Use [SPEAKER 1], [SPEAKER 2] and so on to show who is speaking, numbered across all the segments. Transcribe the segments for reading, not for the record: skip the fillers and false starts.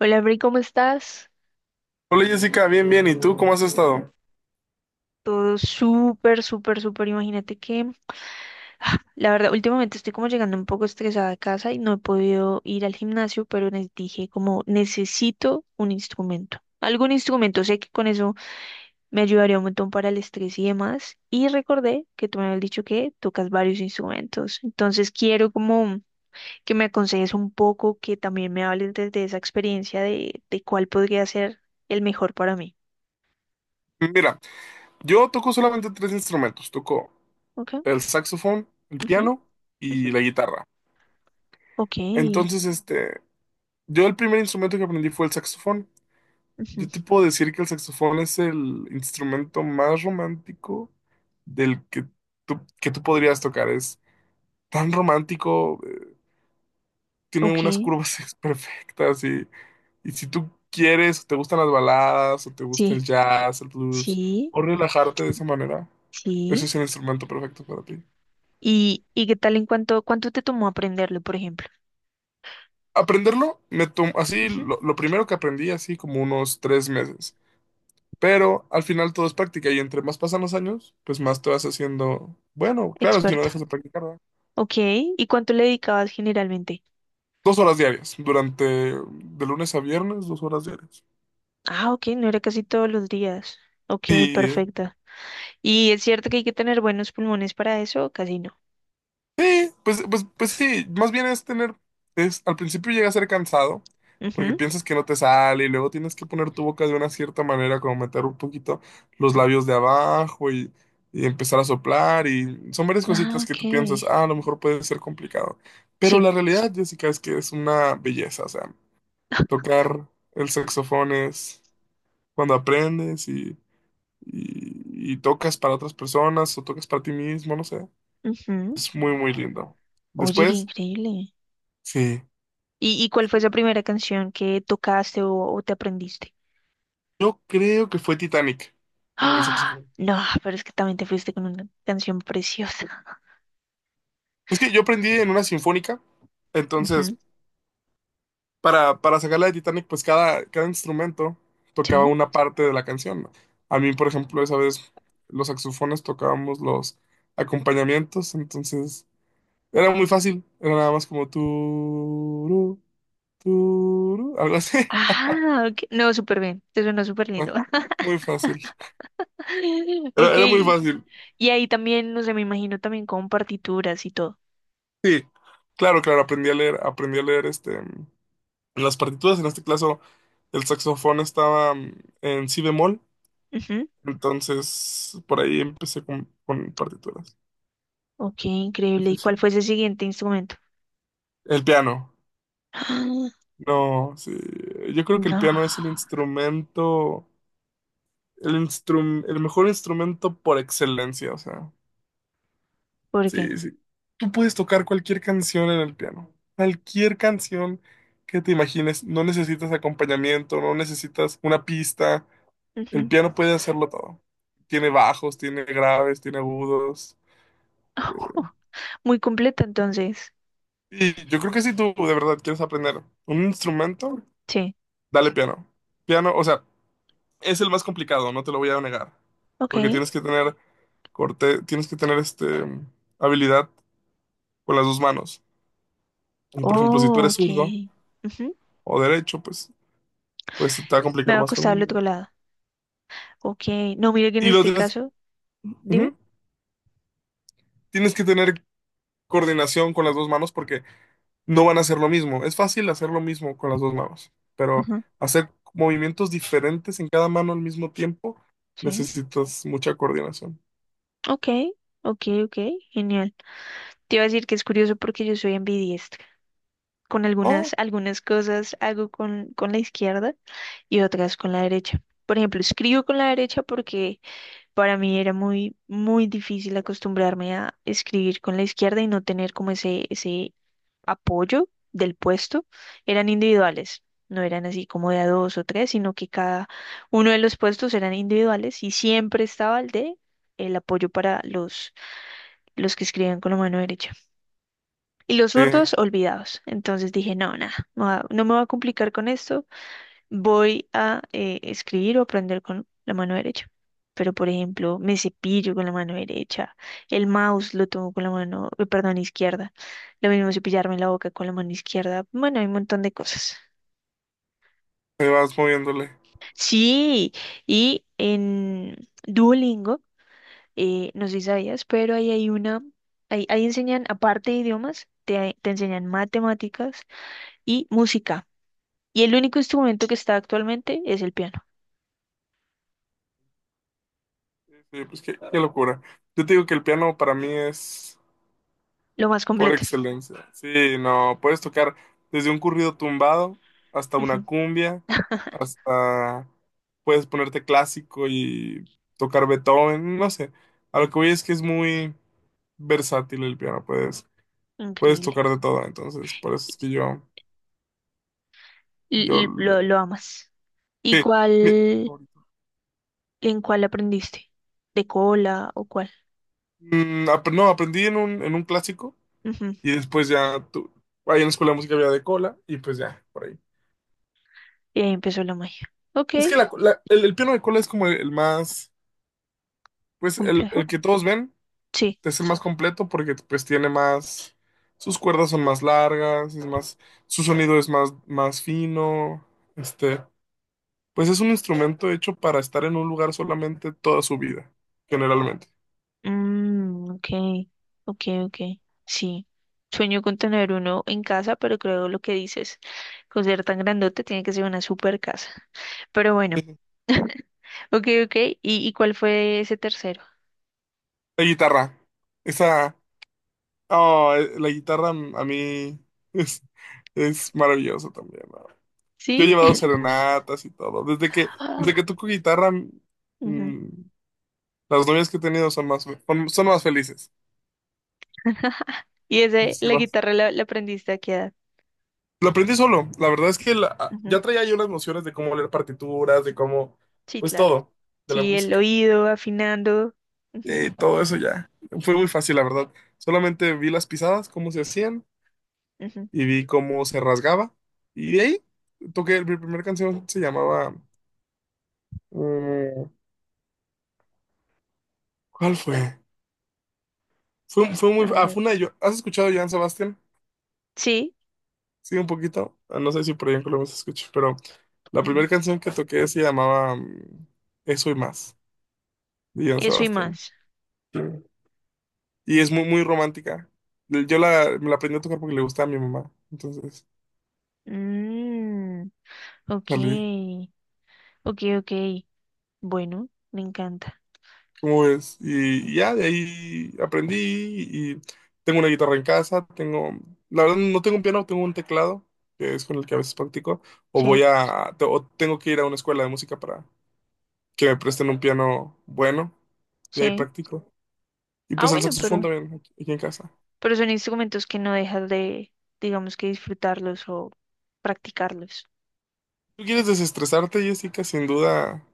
[SPEAKER 1] Hola, Bri, ¿cómo estás?
[SPEAKER 2] Hola Jessica, bien, bien. ¿Y tú cómo has estado?
[SPEAKER 1] Todo súper, súper, súper. Imagínate que, la verdad, últimamente estoy como llegando un poco estresada a casa y no he podido ir al gimnasio, pero les dije como necesito un instrumento. Algún instrumento, sé que con eso me ayudaría un montón para el estrés y demás. Y recordé que tú me habías dicho que tocas varios instrumentos. Entonces quiero como que me aconsejes un poco, que también me hables desde esa experiencia de cuál podría ser el mejor para mí.
[SPEAKER 2] Mira, yo toco solamente tres instrumentos. Toco
[SPEAKER 1] Ok.
[SPEAKER 2] el saxofón, el
[SPEAKER 1] Ujú,
[SPEAKER 2] piano
[SPEAKER 1] ujú.
[SPEAKER 2] y la guitarra.
[SPEAKER 1] Ok,
[SPEAKER 2] Entonces, yo el primer instrumento que aprendí fue el saxofón.
[SPEAKER 1] ujú,
[SPEAKER 2] Yo te puedo decir que el saxofón es el instrumento más romántico del que que tú podrías tocar. Es tan romántico. Tiene
[SPEAKER 1] ok,
[SPEAKER 2] unas curvas perfectas y si tú quieres, te gustan las baladas, o te gusta el
[SPEAKER 1] sí,
[SPEAKER 2] jazz, el blues,
[SPEAKER 1] sí,
[SPEAKER 2] o relajarte de esa manera, ese
[SPEAKER 1] sí.
[SPEAKER 2] es el instrumento perfecto para ti.
[SPEAKER 1] ¿Y qué tal en cuánto te tomó aprenderlo, por ejemplo?
[SPEAKER 2] Aprenderlo, así,
[SPEAKER 1] Ujú.
[SPEAKER 2] lo primero que aprendí, así como unos 3 meses. Pero al final todo es práctica y entre más pasan los años, pues más te vas haciendo, bueno, claro, si no
[SPEAKER 1] Experta.
[SPEAKER 2] dejas de practicar, ¿verdad?
[SPEAKER 1] Ok, ¿y cuánto le dedicabas generalmente?
[SPEAKER 2] 2 horas diarias, durante de lunes a viernes, 2 horas diarias.
[SPEAKER 1] Ah, ok, no era casi todos los días. Ok, perfecta. ¿Y es cierto que hay que tener buenos pulmones para eso? Casi no.
[SPEAKER 2] Sí, pues sí, más bien es tener, es, al principio llega a ser cansado, porque
[SPEAKER 1] Ujú.
[SPEAKER 2] piensas que no te sale y luego tienes que poner tu boca de una cierta manera, como meter un poquito los labios de abajo y empezar a soplar y son varias
[SPEAKER 1] Ah,
[SPEAKER 2] cositas que
[SPEAKER 1] ok.
[SPEAKER 2] tú piensas, ah, a lo mejor puede ser complicado, pero
[SPEAKER 1] Sí.
[SPEAKER 2] la realidad, Jessica, es que es una belleza, o sea, tocar el saxofón es cuando aprendes y tocas para otras personas o tocas para ti mismo, no sé,
[SPEAKER 1] Ujú.
[SPEAKER 2] es muy, muy lindo.
[SPEAKER 1] Oye, qué
[SPEAKER 2] Después.
[SPEAKER 1] increíble.
[SPEAKER 2] Sí.
[SPEAKER 1] Y cuál fue esa primera canción que tocaste o te aprendiste?
[SPEAKER 2] Yo creo que fue Titanic en el
[SPEAKER 1] ¡Ah!
[SPEAKER 2] saxofón.
[SPEAKER 1] No, pero es que también te fuiste con una canción preciosa.
[SPEAKER 2] Es que yo aprendí en una sinfónica,
[SPEAKER 1] Ujú.
[SPEAKER 2] entonces para sacarla de Titanic, pues cada instrumento tocaba
[SPEAKER 1] Sí.
[SPEAKER 2] una parte de la canción, ¿no? A mí, por ejemplo, esa vez los saxofones tocábamos los acompañamientos, entonces era muy fácil, era nada más como algo así.
[SPEAKER 1] Ah, ok. No, súper bien. Te suena súper lindo.
[SPEAKER 2] Muy fácil. Era,
[SPEAKER 1] Ok.
[SPEAKER 2] era muy fácil.
[SPEAKER 1] Y ahí también, no sé, me imagino también con partituras y todo.
[SPEAKER 2] Sí, claro, claro, aprendí a leer. En las partituras, en este caso el saxofón estaba en si bemol,
[SPEAKER 1] Ujú.
[SPEAKER 2] entonces por ahí empecé con partituras.
[SPEAKER 1] Ok, increíble. ¿Y
[SPEAKER 2] Sí, sí.
[SPEAKER 1] cuál fue ese siguiente instrumento?
[SPEAKER 2] El piano, no, sí, yo creo que el
[SPEAKER 1] No.
[SPEAKER 2] piano es el mejor instrumento por excelencia, o sea,
[SPEAKER 1] ¿Por qué?
[SPEAKER 2] sí, sí. Tú puedes tocar cualquier canción en el piano, cualquier canción que te imagines, no necesitas acompañamiento, no necesitas una pista. El
[SPEAKER 1] Ujú.
[SPEAKER 2] piano puede hacerlo todo. Tiene bajos, tiene graves, tiene agudos. Eh,
[SPEAKER 1] Muy completo, entonces.
[SPEAKER 2] Y yo creo que si tú de verdad quieres aprender un instrumento,
[SPEAKER 1] Sí.
[SPEAKER 2] dale piano. Piano, o sea, es el más complicado, no te lo voy a negar.
[SPEAKER 1] Ok.
[SPEAKER 2] Porque tienes que tener corte, tienes que tener habilidad con las dos manos. Y por ejemplo, si tú
[SPEAKER 1] Oh,
[SPEAKER 2] eres
[SPEAKER 1] ok.
[SPEAKER 2] zurdo
[SPEAKER 1] Ujú.
[SPEAKER 2] o derecho, pues te va a
[SPEAKER 1] Me
[SPEAKER 2] complicar
[SPEAKER 1] va a
[SPEAKER 2] más con
[SPEAKER 1] costar al otro
[SPEAKER 2] uno.
[SPEAKER 1] lado. Ok. No, mire que en
[SPEAKER 2] Y lo
[SPEAKER 1] este
[SPEAKER 2] tienes.
[SPEAKER 1] caso, dime.
[SPEAKER 2] Ujú. Tienes que tener coordinación con las dos manos porque no van a hacer lo mismo. Es fácil hacer lo mismo con las dos manos, pero
[SPEAKER 1] Ujú.
[SPEAKER 2] hacer movimientos diferentes en cada mano al mismo tiempo
[SPEAKER 1] Sí.
[SPEAKER 2] necesitas mucha coordinación.
[SPEAKER 1] Ok, ok, ok, genial. Te iba a decir que es curioso porque yo soy ambidiestra. Con
[SPEAKER 2] Oh,
[SPEAKER 1] algunas cosas hago con la izquierda y otras con la derecha. Por ejemplo, escribo con la derecha porque para mí era muy, muy difícil acostumbrarme a escribir con la izquierda y no tener como ese apoyo del puesto. Eran individuales, no eran así como de a dos o tres, sino que cada uno de los puestos eran individuales y siempre estaba el de el apoyo para los que escriben con la mano derecha. Y los
[SPEAKER 2] sí,
[SPEAKER 1] zurdos, olvidados. Entonces dije, no, nada, no, no me voy a complicar con esto, voy a escribir o aprender con la mano derecha. Pero, por ejemplo, me cepillo con la mano derecha, el mouse lo tomo con la mano, perdón, izquierda. Lo mismo cepillarme la boca con la mano izquierda. Bueno, hay un montón de cosas.
[SPEAKER 2] ahí vas moviéndole.
[SPEAKER 1] Sí, y en Duolingo, no sé si sabías, pero ahí enseñan, aparte de idiomas, te enseñan matemáticas, y música. Y el único instrumento que está actualmente es el piano.
[SPEAKER 2] Sí, pues qué locura. Yo te digo que el piano para mí es
[SPEAKER 1] Lo más
[SPEAKER 2] por
[SPEAKER 1] completo.
[SPEAKER 2] excelencia. Sí, no, puedes tocar desde un corrido tumbado hasta una
[SPEAKER 1] Ujú.
[SPEAKER 2] cumbia, hasta puedes ponerte clásico y tocar Beethoven, no sé. A lo que voy es que es muy versátil el piano, puedes
[SPEAKER 1] Increíble.
[SPEAKER 2] tocar de todo, entonces por eso es que yo,
[SPEAKER 1] L- lo,
[SPEAKER 2] lo-
[SPEAKER 1] lo amas. ¿Y
[SPEAKER 2] sí, mi-
[SPEAKER 1] en cuál aprendiste? ¿De cola o cuál?
[SPEAKER 2] mm, ap- no, aprendí en un, clásico
[SPEAKER 1] Ujú.
[SPEAKER 2] y después ya, ahí en la escuela de música había de cola y pues ya, por ahí.
[SPEAKER 1] Y ahí empezó la magia. Ok,
[SPEAKER 2] Es que el piano de cola es como el más. Pues el
[SPEAKER 1] complejo.
[SPEAKER 2] que todos ven
[SPEAKER 1] Sí.
[SPEAKER 2] es el más completo porque pues tiene más, sus cuerdas son más largas, es más, su sonido es más, más fino, este, pues es un instrumento hecho para estar en un lugar solamente toda su vida, generalmente.
[SPEAKER 1] Mm, ok, ok, ok. Sí. Sueño con tener uno en casa, pero creo lo que dices, con ser tan grandote tiene que ser una super casa. Pero bueno. Ok, ok. ¿Y cuál fue ese tercero?
[SPEAKER 2] La guitarra, esa, oh, la guitarra a mí es, es maravilloso también, ¿no? Yo he
[SPEAKER 1] ¿Sí?
[SPEAKER 2] llevado serenatas y todo, desde que
[SPEAKER 1] Ah,
[SPEAKER 2] toco guitarra,
[SPEAKER 1] ujú.
[SPEAKER 2] mm, las novias que he tenido son más felices.
[SPEAKER 1] ¿Y
[SPEAKER 2] Sí,
[SPEAKER 1] la guitarra la aprendiste a qué edad?
[SPEAKER 2] lo aprendí solo. La verdad es que
[SPEAKER 1] Ujú.
[SPEAKER 2] ya traía yo las nociones de cómo leer partituras, de cómo,
[SPEAKER 1] Sí,
[SPEAKER 2] pues
[SPEAKER 1] claro.
[SPEAKER 2] todo, de la
[SPEAKER 1] Sí, el
[SPEAKER 2] música.
[SPEAKER 1] oído, afinando. Ujú,
[SPEAKER 2] Todo eso ya. Fue muy fácil, la verdad. Solamente vi las pisadas, cómo se hacían,
[SPEAKER 1] ujú.
[SPEAKER 2] y vi cómo se rasgaba. Y de ahí toqué, mi primera canción se llamaba, eh, ¿cuál fue? Fue muy.
[SPEAKER 1] A ver,
[SPEAKER 2] Ah,
[SPEAKER 1] a ver.
[SPEAKER 2] fue una de. ¿Has escuchado a Joan Sebastián?
[SPEAKER 1] Sí,
[SPEAKER 2] Sí, un poquito. Ah, no sé si por ahí en Colombia se escucha, pero la
[SPEAKER 1] ujú.
[SPEAKER 2] primera canción que toqué se llamaba Eso y más, de Joan
[SPEAKER 1] Eso y
[SPEAKER 2] Sebastián.
[SPEAKER 1] más.
[SPEAKER 2] Y es muy, muy romántica. Yo la, me la aprendí a tocar porque le gustaba a mi mamá. Entonces,
[SPEAKER 1] Mm, ok,
[SPEAKER 2] salí.
[SPEAKER 1] ok, ok. Bueno, me encanta.
[SPEAKER 2] ¿Cómo ves? Y ya de ahí aprendí y tengo una guitarra en casa, la verdad no tengo un piano, tengo un teclado, que es con el que a veces practico,
[SPEAKER 1] Sí,
[SPEAKER 2] o tengo que ir a una escuela de música para que me presten un piano bueno y ahí
[SPEAKER 1] sí.
[SPEAKER 2] practico. Y
[SPEAKER 1] Ah,
[SPEAKER 2] pues el
[SPEAKER 1] bueno,
[SPEAKER 2] saxofón también aquí, aquí en casa.
[SPEAKER 1] pero son instrumentos que no dejas de, digamos que disfrutarlos o practicarlos.
[SPEAKER 2] ¿Tú quieres desestresarte, Jessica? Sin duda,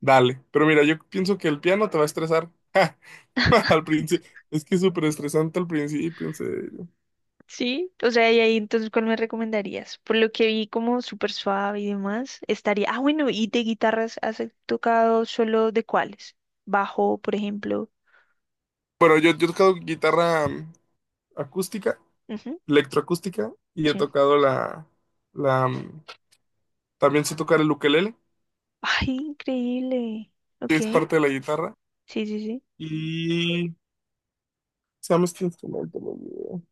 [SPEAKER 2] dale. Pero mira, yo pienso que el piano te va a estresar. Al principio, es que es súper estresante al principio, en serio.
[SPEAKER 1] Sí, o sea, y ahí entonces, ¿cuál me recomendarías? Por lo que vi como súper suave y demás, estaría... Ah, bueno, ¿y de guitarras has tocado solo de cuáles? Bajo, por ejemplo.
[SPEAKER 2] Bueno, yo he tocado guitarra acústica,
[SPEAKER 1] Ujú,
[SPEAKER 2] electroacústica, y he
[SPEAKER 1] sí.
[SPEAKER 2] tocado la, mm, también sé tocar el ukelele,
[SPEAKER 1] Ay, increíble.
[SPEAKER 2] que
[SPEAKER 1] Ok,
[SPEAKER 2] es parte de la guitarra,
[SPEAKER 1] sí, sí, sí.
[SPEAKER 2] y se llama este instrumento, no me olvidé.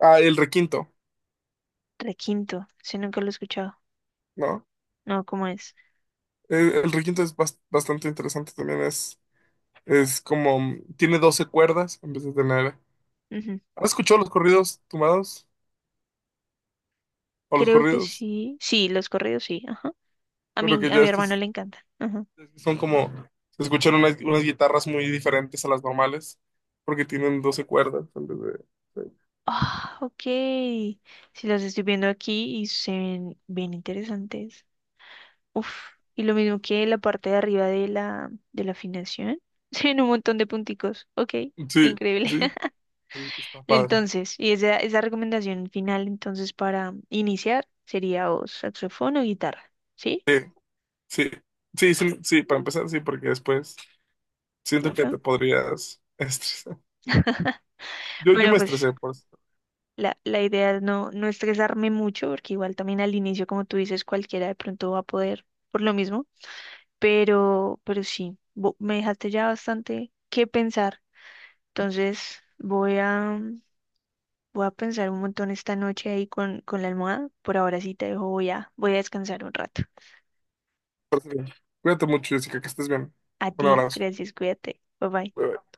[SPEAKER 2] Ah, el requinto,
[SPEAKER 1] Requinto, ese nunca lo he escuchado.
[SPEAKER 2] ¿no?
[SPEAKER 1] No, ¿cómo es?
[SPEAKER 2] El requinto es bastante interesante también, es como, tiene 12 cuerdas en vez de tener.
[SPEAKER 1] Ujú.
[SPEAKER 2] ¿Has escuchado los corridos tumbados? O los
[SPEAKER 1] Creo que
[SPEAKER 2] corridos,
[SPEAKER 1] sí. Sí, los corridos sí, ajá. A
[SPEAKER 2] pero
[SPEAKER 1] mi,
[SPEAKER 2] que
[SPEAKER 1] a
[SPEAKER 2] ya
[SPEAKER 1] mi
[SPEAKER 2] es que
[SPEAKER 1] hermano le encantan. Ajá.
[SPEAKER 2] son como, se escuchan unas guitarras muy diferentes a las normales, porque tienen 12 cuerdas. De-
[SPEAKER 1] Ah, ok. Sí, los estoy viendo aquí y se ven bien interesantes. Uf, y lo mismo que la parte de arriba de la afinación. Tiene un montón de punticos. Ok,
[SPEAKER 2] Sí,
[SPEAKER 1] increíble.
[SPEAKER 2] sí, está padre.
[SPEAKER 1] Entonces, y esa recomendación final, entonces, para iniciar sería o saxofón o guitarra, ¿sí?
[SPEAKER 2] Sí, sí, sí, sí, sí, para empezar, sí, porque después siento que te
[SPEAKER 1] Ok.
[SPEAKER 2] podrías estresar. Yo
[SPEAKER 1] Bueno,
[SPEAKER 2] me
[SPEAKER 1] pues
[SPEAKER 2] estresé por eso.
[SPEAKER 1] la idea es no estresarme mucho, porque igual también al inicio, como tú dices, cualquiera de pronto va a poder por lo mismo, pero sí, me dejaste ya bastante que pensar. Entonces voy a pensar un montón esta noche ahí con la almohada. Por ahora sí te dejo, voy a descansar un rato.
[SPEAKER 2] Por eso. Cuídate mucho, Jessica, que estés bien.
[SPEAKER 1] A
[SPEAKER 2] Un
[SPEAKER 1] ti,
[SPEAKER 2] abrazo.
[SPEAKER 1] gracias, cuídate. Bye bye.
[SPEAKER 2] Bye, bye.